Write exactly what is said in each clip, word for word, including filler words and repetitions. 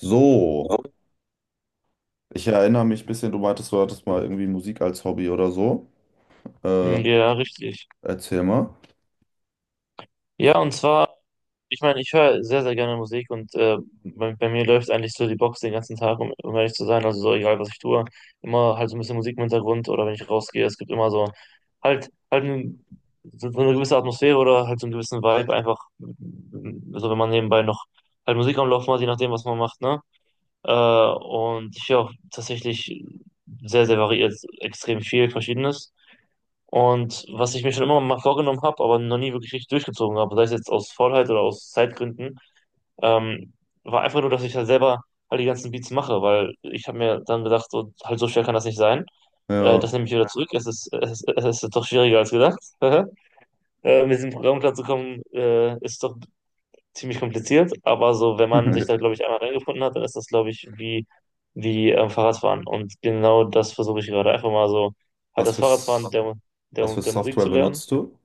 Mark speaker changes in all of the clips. Speaker 1: So, ich erinnere mich ein bisschen, du meintest, du hattest mal irgendwie Musik als Hobby oder so. Äh,
Speaker 2: Ja, richtig.
Speaker 1: Erzähl mal.
Speaker 2: Ja, und zwar, ich meine, ich höre sehr, sehr gerne Musik und äh, bei, bei mir läuft eigentlich so die Box den ganzen Tag, um, um ehrlich zu sein. Also so egal, was ich tue, immer halt so ein bisschen Musik im Hintergrund oder wenn ich rausgehe, es gibt immer so halt, halt ein, so so eine gewisse Atmosphäre oder halt so einen gewissen Vibe, einfach mm, so, wenn man nebenbei noch halt Musik am Laufen hat, je nachdem, was man macht, ne? Äh, und ich höre auch tatsächlich sehr, sehr variiert, extrem viel Verschiedenes. Und was ich mir schon immer mal vorgenommen habe, aber noch nie wirklich richtig durchgezogen habe, sei es jetzt aus Faulheit oder aus Zeitgründen, ähm, war einfach nur, dass ich halt selber halt die ganzen Beats mache, weil ich habe mir dann gedacht, so, halt so schwer kann das nicht sein. Äh,
Speaker 1: Ja.
Speaker 2: das nehme ich wieder Ja. zurück. Es ist, es, ist, es ist doch schwieriger als gedacht. Äh, mit diesem Programm klarzukommen, äh, ist doch ziemlich kompliziert. Aber so, wenn man sich da, glaube ich, einmal reingefunden hat, dann ist das, glaube ich, wie, wie ähm, Fahrradfahren. Und genau das versuche ich gerade. Einfach mal so, halt
Speaker 1: Was
Speaker 2: das
Speaker 1: für,
Speaker 2: Fahrradfahren
Speaker 1: S-
Speaker 2: der,
Speaker 1: Was
Speaker 2: der,
Speaker 1: für
Speaker 2: der Musik
Speaker 1: Software
Speaker 2: zu lernen
Speaker 1: benutzt du?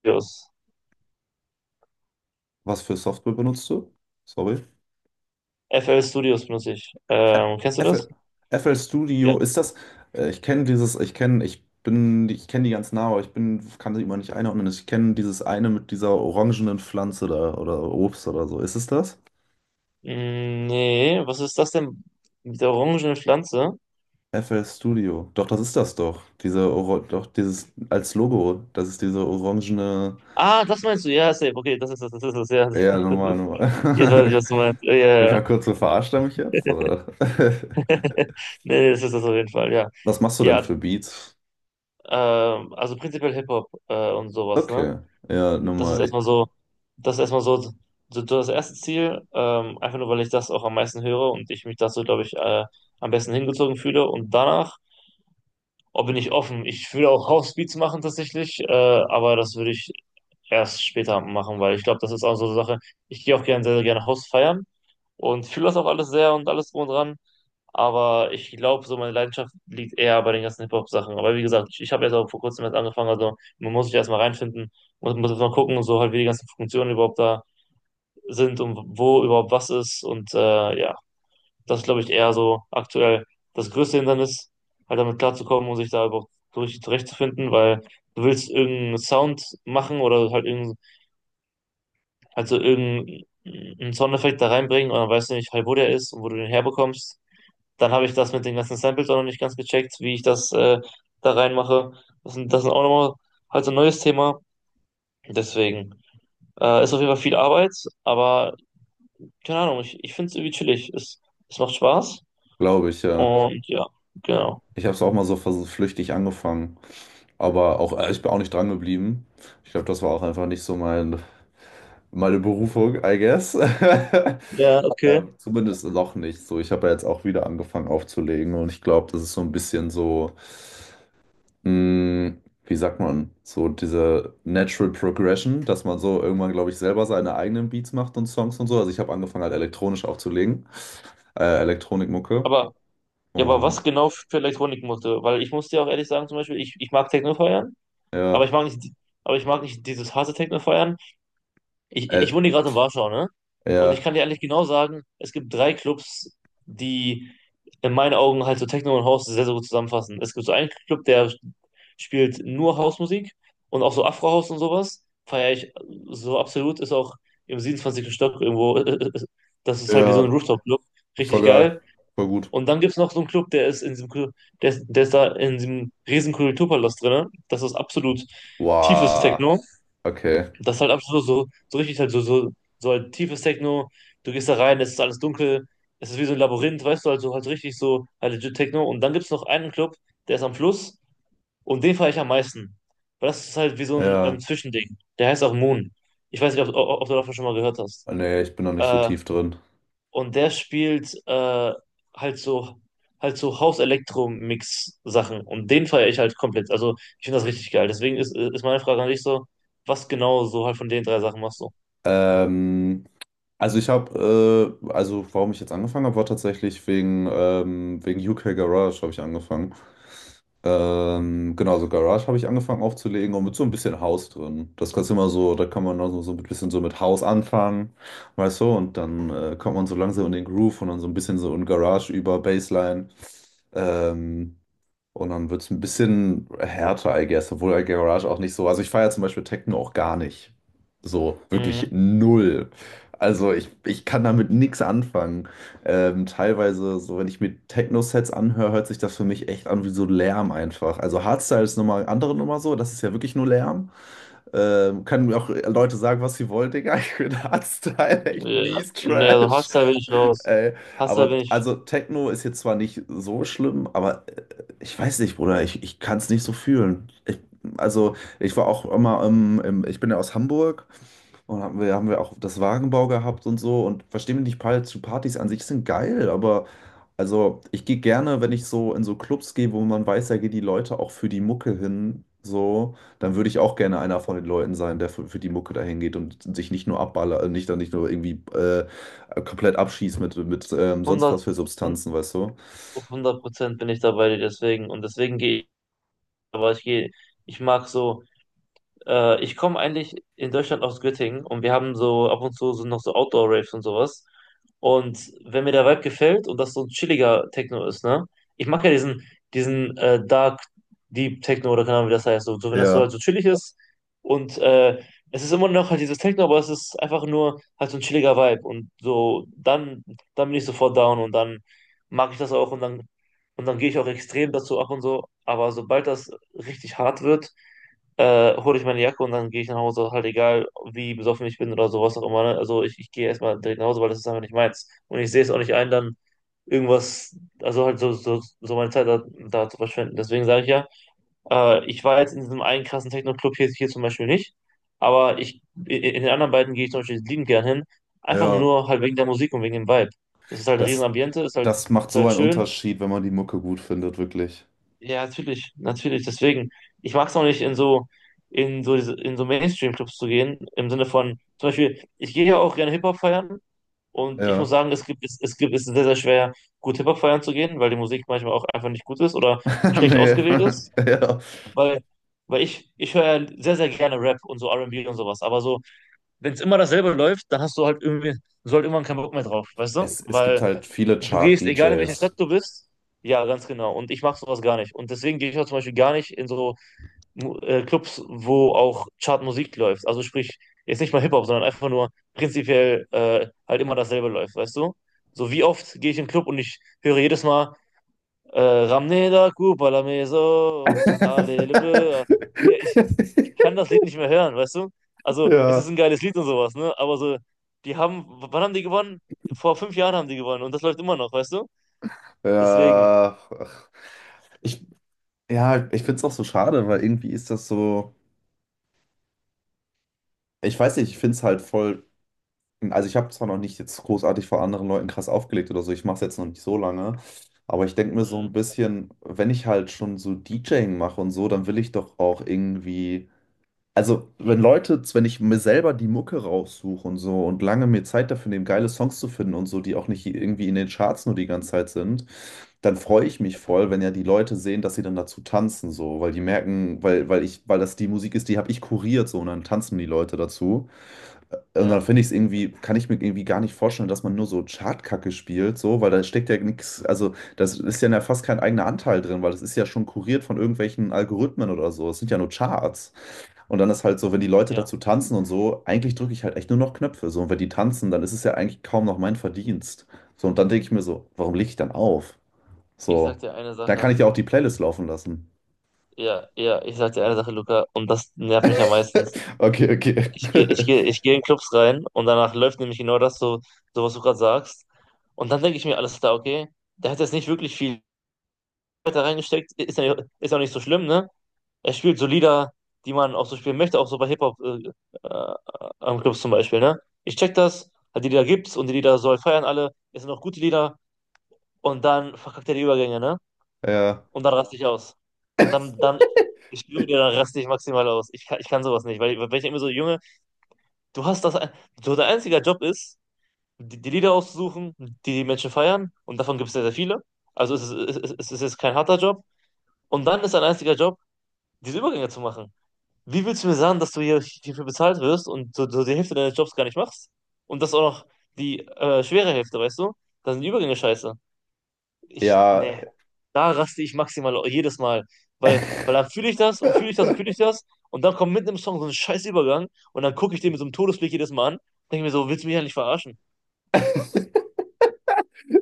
Speaker 2: Studios.
Speaker 1: Was für Software benutzt du? Sorry.
Speaker 2: F L Studios benutze ich.
Speaker 1: Ä-
Speaker 2: Ähm, kennst du das?
Speaker 1: F L, F L
Speaker 2: Ja.
Speaker 1: Studio, ist das? äh, Ich kenne dieses, ich kenne, ich bin, ich kenne die ganz nah, aber ich bin, kann sie immer nicht einordnen. Ich kenne dieses eine mit dieser orangenen Pflanze da oder Obst oder so. Ist es das?
Speaker 2: Mm, Nee, was ist das denn? Mit der orangenen Pflanze?
Speaker 1: F L Studio. Doch, das ist das doch. Diese, Oro doch, dieses, Als Logo. Das ist diese orangene.
Speaker 2: Ah, das meinst du? Ja, safe. Okay, das ist das, das ist das, ja. Das
Speaker 1: Ja,
Speaker 2: ist, das
Speaker 1: normal,
Speaker 2: ist. Jetzt weiß ich,
Speaker 1: normal.
Speaker 2: was du meinst. Ja, ja,
Speaker 1: Ich
Speaker 2: ja.
Speaker 1: habe kurz so, verarscht er mich jetzt, oder?
Speaker 2: Nee, nee, das ist das auf jeden Fall, ja.
Speaker 1: Was machst du denn
Speaker 2: Ja,
Speaker 1: für Beats?
Speaker 2: ähm, also prinzipiell Hip-Hop äh, und sowas, ne?
Speaker 1: Okay. Ja,
Speaker 2: Das ist
Speaker 1: nochmal.
Speaker 2: erstmal so, das ist erstmal so, so das erste Ziel, ähm, einfach nur, weil ich das auch am meisten höre und ich mich dazu, glaube ich, äh, am besten hingezogen fühle. Und danach Oh, bin ich offen. Ich würde auch Housebeats machen tatsächlich, äh, aber das würde ich erst später machen, weil ich glaube, das ist auch so eine Sache. Ich gehe auch gerne sehr, sehr gerne House feiern und fühle das auch alles sehr und alles drum und dran. Aber ich glaube, so meine Leidenschaft liegt eher bei den ganzen Hip-Hop-Sachen. Aber wie gesagt, ich, ich habe jetzt auch vor kurzem erst angefangen, also man muss sich erstmal reinfinden, muss, muss erstmal gucken, so halt, wie die ganzen Funktionen überhaupt da sind und wo überhaupt was ist. Und äh, ja. Das ist, glaube ich, eher so aktuell das größte Hindernis, halt damit klarzukommen und sich da überhaupt durch zurechtzufinden, weil du willst irgendeinen Sound machen oder halt irgendein, halt so irgendeinen Soundeffekt da reinbringen und dann weißt du nicht halt, wo der ist und wo du den herbekommst. Dann habe ich das mit den ganzen Samples auch noch nicht ganz gecheckt, wie ich das äh, da reinmache. Das sind, das sind auch nochmal halt so ein neues Thema. Deswegen äh, ist auf jeden Fall viel Arbeit, aber keine Ahnung, ich, ich finde es irgendwie chillig. Es, es macht Spaß
Speaker 1: Glaube ich, ja.
Speaker 2: und ja, genau.
Speaker 1: Ich habe es auch mal so vers- flüchtig angefangen. Aber auch, äh, ich bin auch nicht dran geblieben. Ich glaube, das war auch einfach nicht so mein, meine Berufung, I guess.
Speaker 2: Ja, okay.
Speaker 1: Äh, zumindest noch nicht so. Ich habe ja jetzt auch wieder angefangen aufzulegen, und ich glaube, das ist so ein bisschen so, mh, wie sagt man, so diese Natural Progression, dass man so irgendwann, glaube ich, selber seine eigenen Beats macht und Songs und so. Also ich habe angefangen halt elektronisch aufzulegen, äh, Elektronikmucke,
Speaker 2: Aber, ja, aber was
Speaker 1: und
Speaker 2: genau für Elektronik musste? Weil ich muss dir auch ehrlich sagen, zum Beispiel, ich, ich mag Techno feiern, aber
Speaker 1: ja,
Speaker 2: ich mag nicht, die- aber ich mag nicht dieses harte Techno feiern. Ich, ich
Speaker 1: äh,
Speaker 2: wohne hier gerade in Warschau, ne? Und ich
Speaker 1: ja,
Speaker 2: kann dir ehrlich genau sagen, es gibt drei Clubs, die in meinen Augen halt so Techno und House sehr, sehr gut zusammenfassen. Es gibt so einen Club, der spielt nur Housemusik und auch so Afro-House und sowas. Feiere ich so absolut, ist auch im siebenundzwanzigsten Stock irgendwo. Das ist halt wie so
Speaker 1: ja,
Speaker 2: ein Rooftop-Club.
Speaker 1: voll
Speaker 2: Richtig
Speaker 1: geil,
Speaker 2: geil.
Speaker 1: voll gut.
Speaker 2: Und dann gibt es noch so einen Club, der ist in diesem, Kul- der ist, der ist da in diesem riesen Kulturpalast drin. Das ist absolut tiefes
Speaker 1: Wow,
Speaker 2: Techno.
Speaker 1: okay,
Speaker 2: Das ist halt absolut so, so so richtig halt so, so, so halt tiefes Techno. Du gehst da rein, es ist alles dunkel, es ist wie so ein Labyrinth, weißt du, also halt so richtig so halt legit Techno. Und dann gibt es noch einen Club, der ist am Fluss und den fahre ich am meisten. Weil das ist halt wie so ein ähm,
Speaker 1: ja,
Speaker 2: Zwischending. Der heißt auch Moon. Ich weiß nicht, ob, ob, ob du davon schon mal gehört hast.
Speaker 1: nee, ich bin noch nicht so
Speaker 2: Äh,
Speaker 1: tief drin.
Speaker 2: und der spielt äh, halt so halt so House-Elektro-Mix-Sachen. Und den feiere ich halt komplett. Also ich finde das richtig geil. Deswegen ist, ist meine Frage an dich so, was genau so halt von den drei Sachen machst du?
Speaker 1: Ähm, Also ich habe, äh, also warum ich jetzt angefangen habe, war tatsächlich wegen, ähm, wegen U K Garage habe ich angefangen. Ähm, genau, so Garage habe ich angefangen aufzulegen, und mit so ein bisschen House drin. Das kannst du immer so, da kann man also so so ein bisschen so mit House anfangen, weißt du, und dann äh, kommt man so langsam in den Groove und dann so ein bisschen so in Garage über Bassline. Ähm, und dann wird es ein bisschen härter, I guess, obwohl I Garage auch nicht so. Also ich feiere zum Beispiel Techno auch gar nicht. So,
Speaker 2: Mhm.
Speaker 1: wirklich null. Also ich, ich kann damit nichts anfangen. Ähm, teilweise, so wenn ich mir Techno-Sets anhöre, hört sich das für mich echt an wie so Lärm einfach. Also Hardstyle ist nochmal andere Nummer so, das ist ja wirklich nur Lärm. Ähm, können mir auch Leute sagen, was sie wollen, Digga. Ich finde Hardstyle echt
Speaker 2: Ja,
Speaker 1: mies
Speaker 2: nee, also
Speaker 1: Trash.
Speaker 2: Hardstyle bin ich raus.
Speaker 1: Ey,
Speaker 2: Hardstyle
Speaker 1: aber
Speaker 2: bin ich
Speaker 1: also Techno ist jetzt zwar nicht so schlimm, aber äh, ich weiß nicht, Bruder, ich, ich kann es nicht so fühlen. Ich, also ich war auch immer, ähm, im, ich bin ja aus Hamburg, und haben wir, haben wir auch das Wagenbau gehabt und so. Und versteh mich nicht falsch, zu Partys an sich sind geil, aber also ich gehe gerne, wenn ich so in so Clubs gehe, wo man weiß, da gehen die Leute auch für die Mucke hin, so, dann würde ich auch gerne einer von den Leuten sein, der für, für die Mucke dahin geht und sich nicht nur abballert, äh, nicht dann nicht nur irgendwie äh, komplett abschießt mit, mit ähm, sonst
Speaker 2: hundert
Speaker 1: was für Substanzen, weißt du?
Speaker 2: hundert Prozent bin ich dabei, deswegen. Und deswegen gehe ich, aber ich gehe, ich mag so. Äh, ich komme eigentlich in Deutschland aus Göttingen und wir haben so ab und zu so noch so Outdoor-Raves und sowas. Und wenn mir der Vibe gefällt und das so ein chilliger Techno ist, ne? Ich mag ja diesen, diesen äh, Dark Deep Techno oder keine Ahnung, wie das heißt. So, so wenn das so halt
Speaker 1: Ja,
Speaker 2: so chillig ist und äh, es ist immer noch halt dieses Techno, aber es ist einfach nur halt so ein chilliger Vibe und so dann dann bin ich sofort down und dann mag ich das auch und dann und dann gehe ich auch extrem dazu ab und so. Aber sobald das richtig hart wird äh, hole ich meine Jacke und dann gehe ich nach Hause, halt egal, wie besoffen ich bin oder sowas auch immer. Ne? Also ich, ich gehe erstmal direkt nach Hause, weil das ist einfach nicht meins. Und ich sehe es auch nicht ein, dann irgendwas, also halt so, so, so meine Zeit da, da zu verschwenden. Deswegen sage ich ja, äh, ich war jetzt in diesem einen krassen Techno-Club hier, hier zum Beispiel nicht, aber ich, in in den anderen beiden gehe ich zum Beispiel liebend gern hin, einfach
Speaker 1: ja.
Speaker 2: nur halt wegen der Musik und wegen dem Vibe. Das ist halt ein riesen
Speaker 1: Das,
Speaker 2: Ambiente, ist halt,
Speaker 1: das macht
Speaker 2: ist
Speaker 1: so
Speaker 2: halt
Speaker 1: einen
Speaker 2: schön
Speaker 1: Unterschied, wenn man die Mucke gut findet, wirklich.
Speaker 2: ja, natürlich, natürlich. Deswegen, ich mag es auch nicht, in so, in so, diese- in so Mainstream-Clubs zu gehen, im Sinne von, zum Beispiel, ich gehe ja auch gerne Hip-Hop feiern und ich muss
Speaker 1: Ja.
Speaker 2: sagen, es gibt, es, es gibt, es ist sehr, sehr schwer, gut Hip-Hop feiern zu gehen, weil die Musik manchmal auch einfach nicht gut ist oder schlecht
Speaker 1: Nee.
Speaker 2: ausgewählt ist,
Speaker 1: Ja.
Speaker 2: weil, weil ich, ich höre ja sehr, sehr gerne Rap und so R and B und B und sowas, aber so, wenn es immer dasselbe läuft, dann hast du halt irgendwie, so halt irgendwann keinen Bock mehr drauf, weißt du?
Speaker 1: Es, es gibt
Speaker 2: Weil
Speaker 1: halt viele
Speaker 2: du gehst, egal in welche Stadt
Speaker 1: Chart-D Js.
Speaker 2: du bist, ja, ganz genau. Und ich mache sowas gar nicht. Und deswegen gehe ich auch zum Beispiel gar nicht in so Mu- äh, Clubs, wo auch Chartmusik läuft. Also sprich, jetzt nicht mal Hip-Hop, sondern einfach nur prinzipiell äh, halt immer dasselbe läuft, weißt du? So wie oft gehe ich in den Club und ich höre jedes Mal äh, Ramneda Kupala Meso, Alele. Ja, Ich, ich kann das Lied nicht mehr hören, weißt du? Also es ist
Speaker 1: Ja,
Speaker 2: ein geiles Lied und sowas, ne? Aber so, die haben, wann haben die gewonnen? Vor fünf Jahren haben die gewonnen und das läuft immer noch, weißt du? Deswegen.
Speaker 1: ja. Ach. Ich, ja, ich finde es auch so schade, weil irgendwie ist das so. Ich weiß nicht, ich finde es halt voll. Also, ich habe zwar noch nicht jetzt großartig vor anderen Leuten krass aufgelegt oder so, ich mache es jetzt noch nicht so lange, aber ich denke mir so
Speaker 2: Mhm.
Speaker 1: ein bisschen, wenn ich halt schon so DJing mache und so, dann will ich doch auch irgendwie. Also, wenn Leute, wenn ich mir selber die Mucke raussuche und so und lange mir Zeit dafür nehme, geile Songs zu finden und so, die auch nicht irgendwie in den Charts nur die ganze Zeit sind, dann freue ich mich voll, wenn ja die Leute sehen, dass sie dann dazu tanzen, so, weil die merken, weil, weil ich, weil das die Musik ist, die habe ich kuriert, so, und dann tanzen die Leute dazu. Äh, Und dann
Speaker 2: Ja,
Speaker 1: finde ich es irgendwie, kann ich mir irgendwie gar nicht vorstellen, dass man nur so Chartkacke spielt, so, weil da steckt ja nichts, also das ist ja fast kein eigener Anteil drin, weil das ist ja schon kuriert von irgendwelchen Algorithmen oder so. Es sind ja nur Charts. Und dann ist halt so, wenn die Leute
Speaker 2: ja.
Speaker 1: dazu tanzen und so, eigentlich drücke ich halt echt nur noch Knöpfe. So, und wenn die tanzen, dann ist es ja eigentlich kaum noch mein Verdienst. So, und dann denke ich mir so, warum lege ich dann auf?
Speaker 2: Ich sag
Speaker 1: So,
Speaker 2: dir eine
Speaker 1: dann kann
Speaker 2: Sache.
Speaker 1: ich ja auch die Playlist laufen lassen.
Speaker 2: Ja, ja, ich sag dir eine Sache, Luca, und das nervt mich am meisten.
Speaker 1: Okay, okay.
Speaker 2: Ich gehe, ich gehe, ich gehe in Clubs rein und danach läuft nämlich genau das so, so was du gerade sagst. Und dann denke ich mir, alles klar, okay, der hat jetzt nicht wirklich viel weiter reingesteckt, ist ja, ist ja auch nicht so schlimm, ne? Er spielt so Lieder, die man auch so spielen möchte, auch so bei Hip-Hop äh, äh, am Clubs zum Beispiel, ne? Ich check das, die Lieder gibt's und die Lieder soll feiern alle, es sind auch gute Lieder und dann verkackt er die Übergänge, ne?
Speaker 1: Ja,
Speaker 2: Und dann raste ich aus. Dann, dann, ich schwöre dir, dann raste ich maximal aus. Ich kann, ich kann sowas nicht, weil, weil ich immer so, Junge, du hast das, ein- so dein einziger Job ist, die, die Lieder auszusuchen, die die Menschen feiern, und davon gibt es sehr, sehr viele. Also es ist, es ist, es ist jetzt kein harter Job. Und dann ist dein einziger Job, diese Übergänge zu machen. Wie willst du mir sagen, dass du hier hierfür bezahlt wirst und so, so die Hälfte deines Jobs gar nicht machst? Und das auch noch die äh, schwere Hälfte, weißt du? Da sind die Übergänge scheiße. Ich,
Speaker 1: ja.
Speaker 2: nee, da raste ich maximal jedes Mal, weil, weil dann fühle ich das und fühle ich das und fühle ich das und dann kommt mitten im Song so ein scheiß Übergang und dann gucke ich den mit so einem Todesblick jedes Mal an, denke mir so, willst du mich eigentlich verarschen?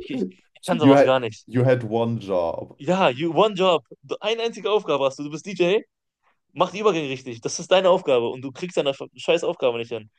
Speaker 2: Ich, ich, ich kann
Speaker 1: You
Speaker 2: sowas
Speaker 1: had,
Speaker 2: gar nicht.
Speaker 1: You had one job.
Speaker 2: Ja, you one job, Du- eine einzige Aufgabe hast du, du bist D J, mach die Übergänge richtig, das ist deine Aufgabe und du kriegst deine scheiß Aufgabe nicht hin.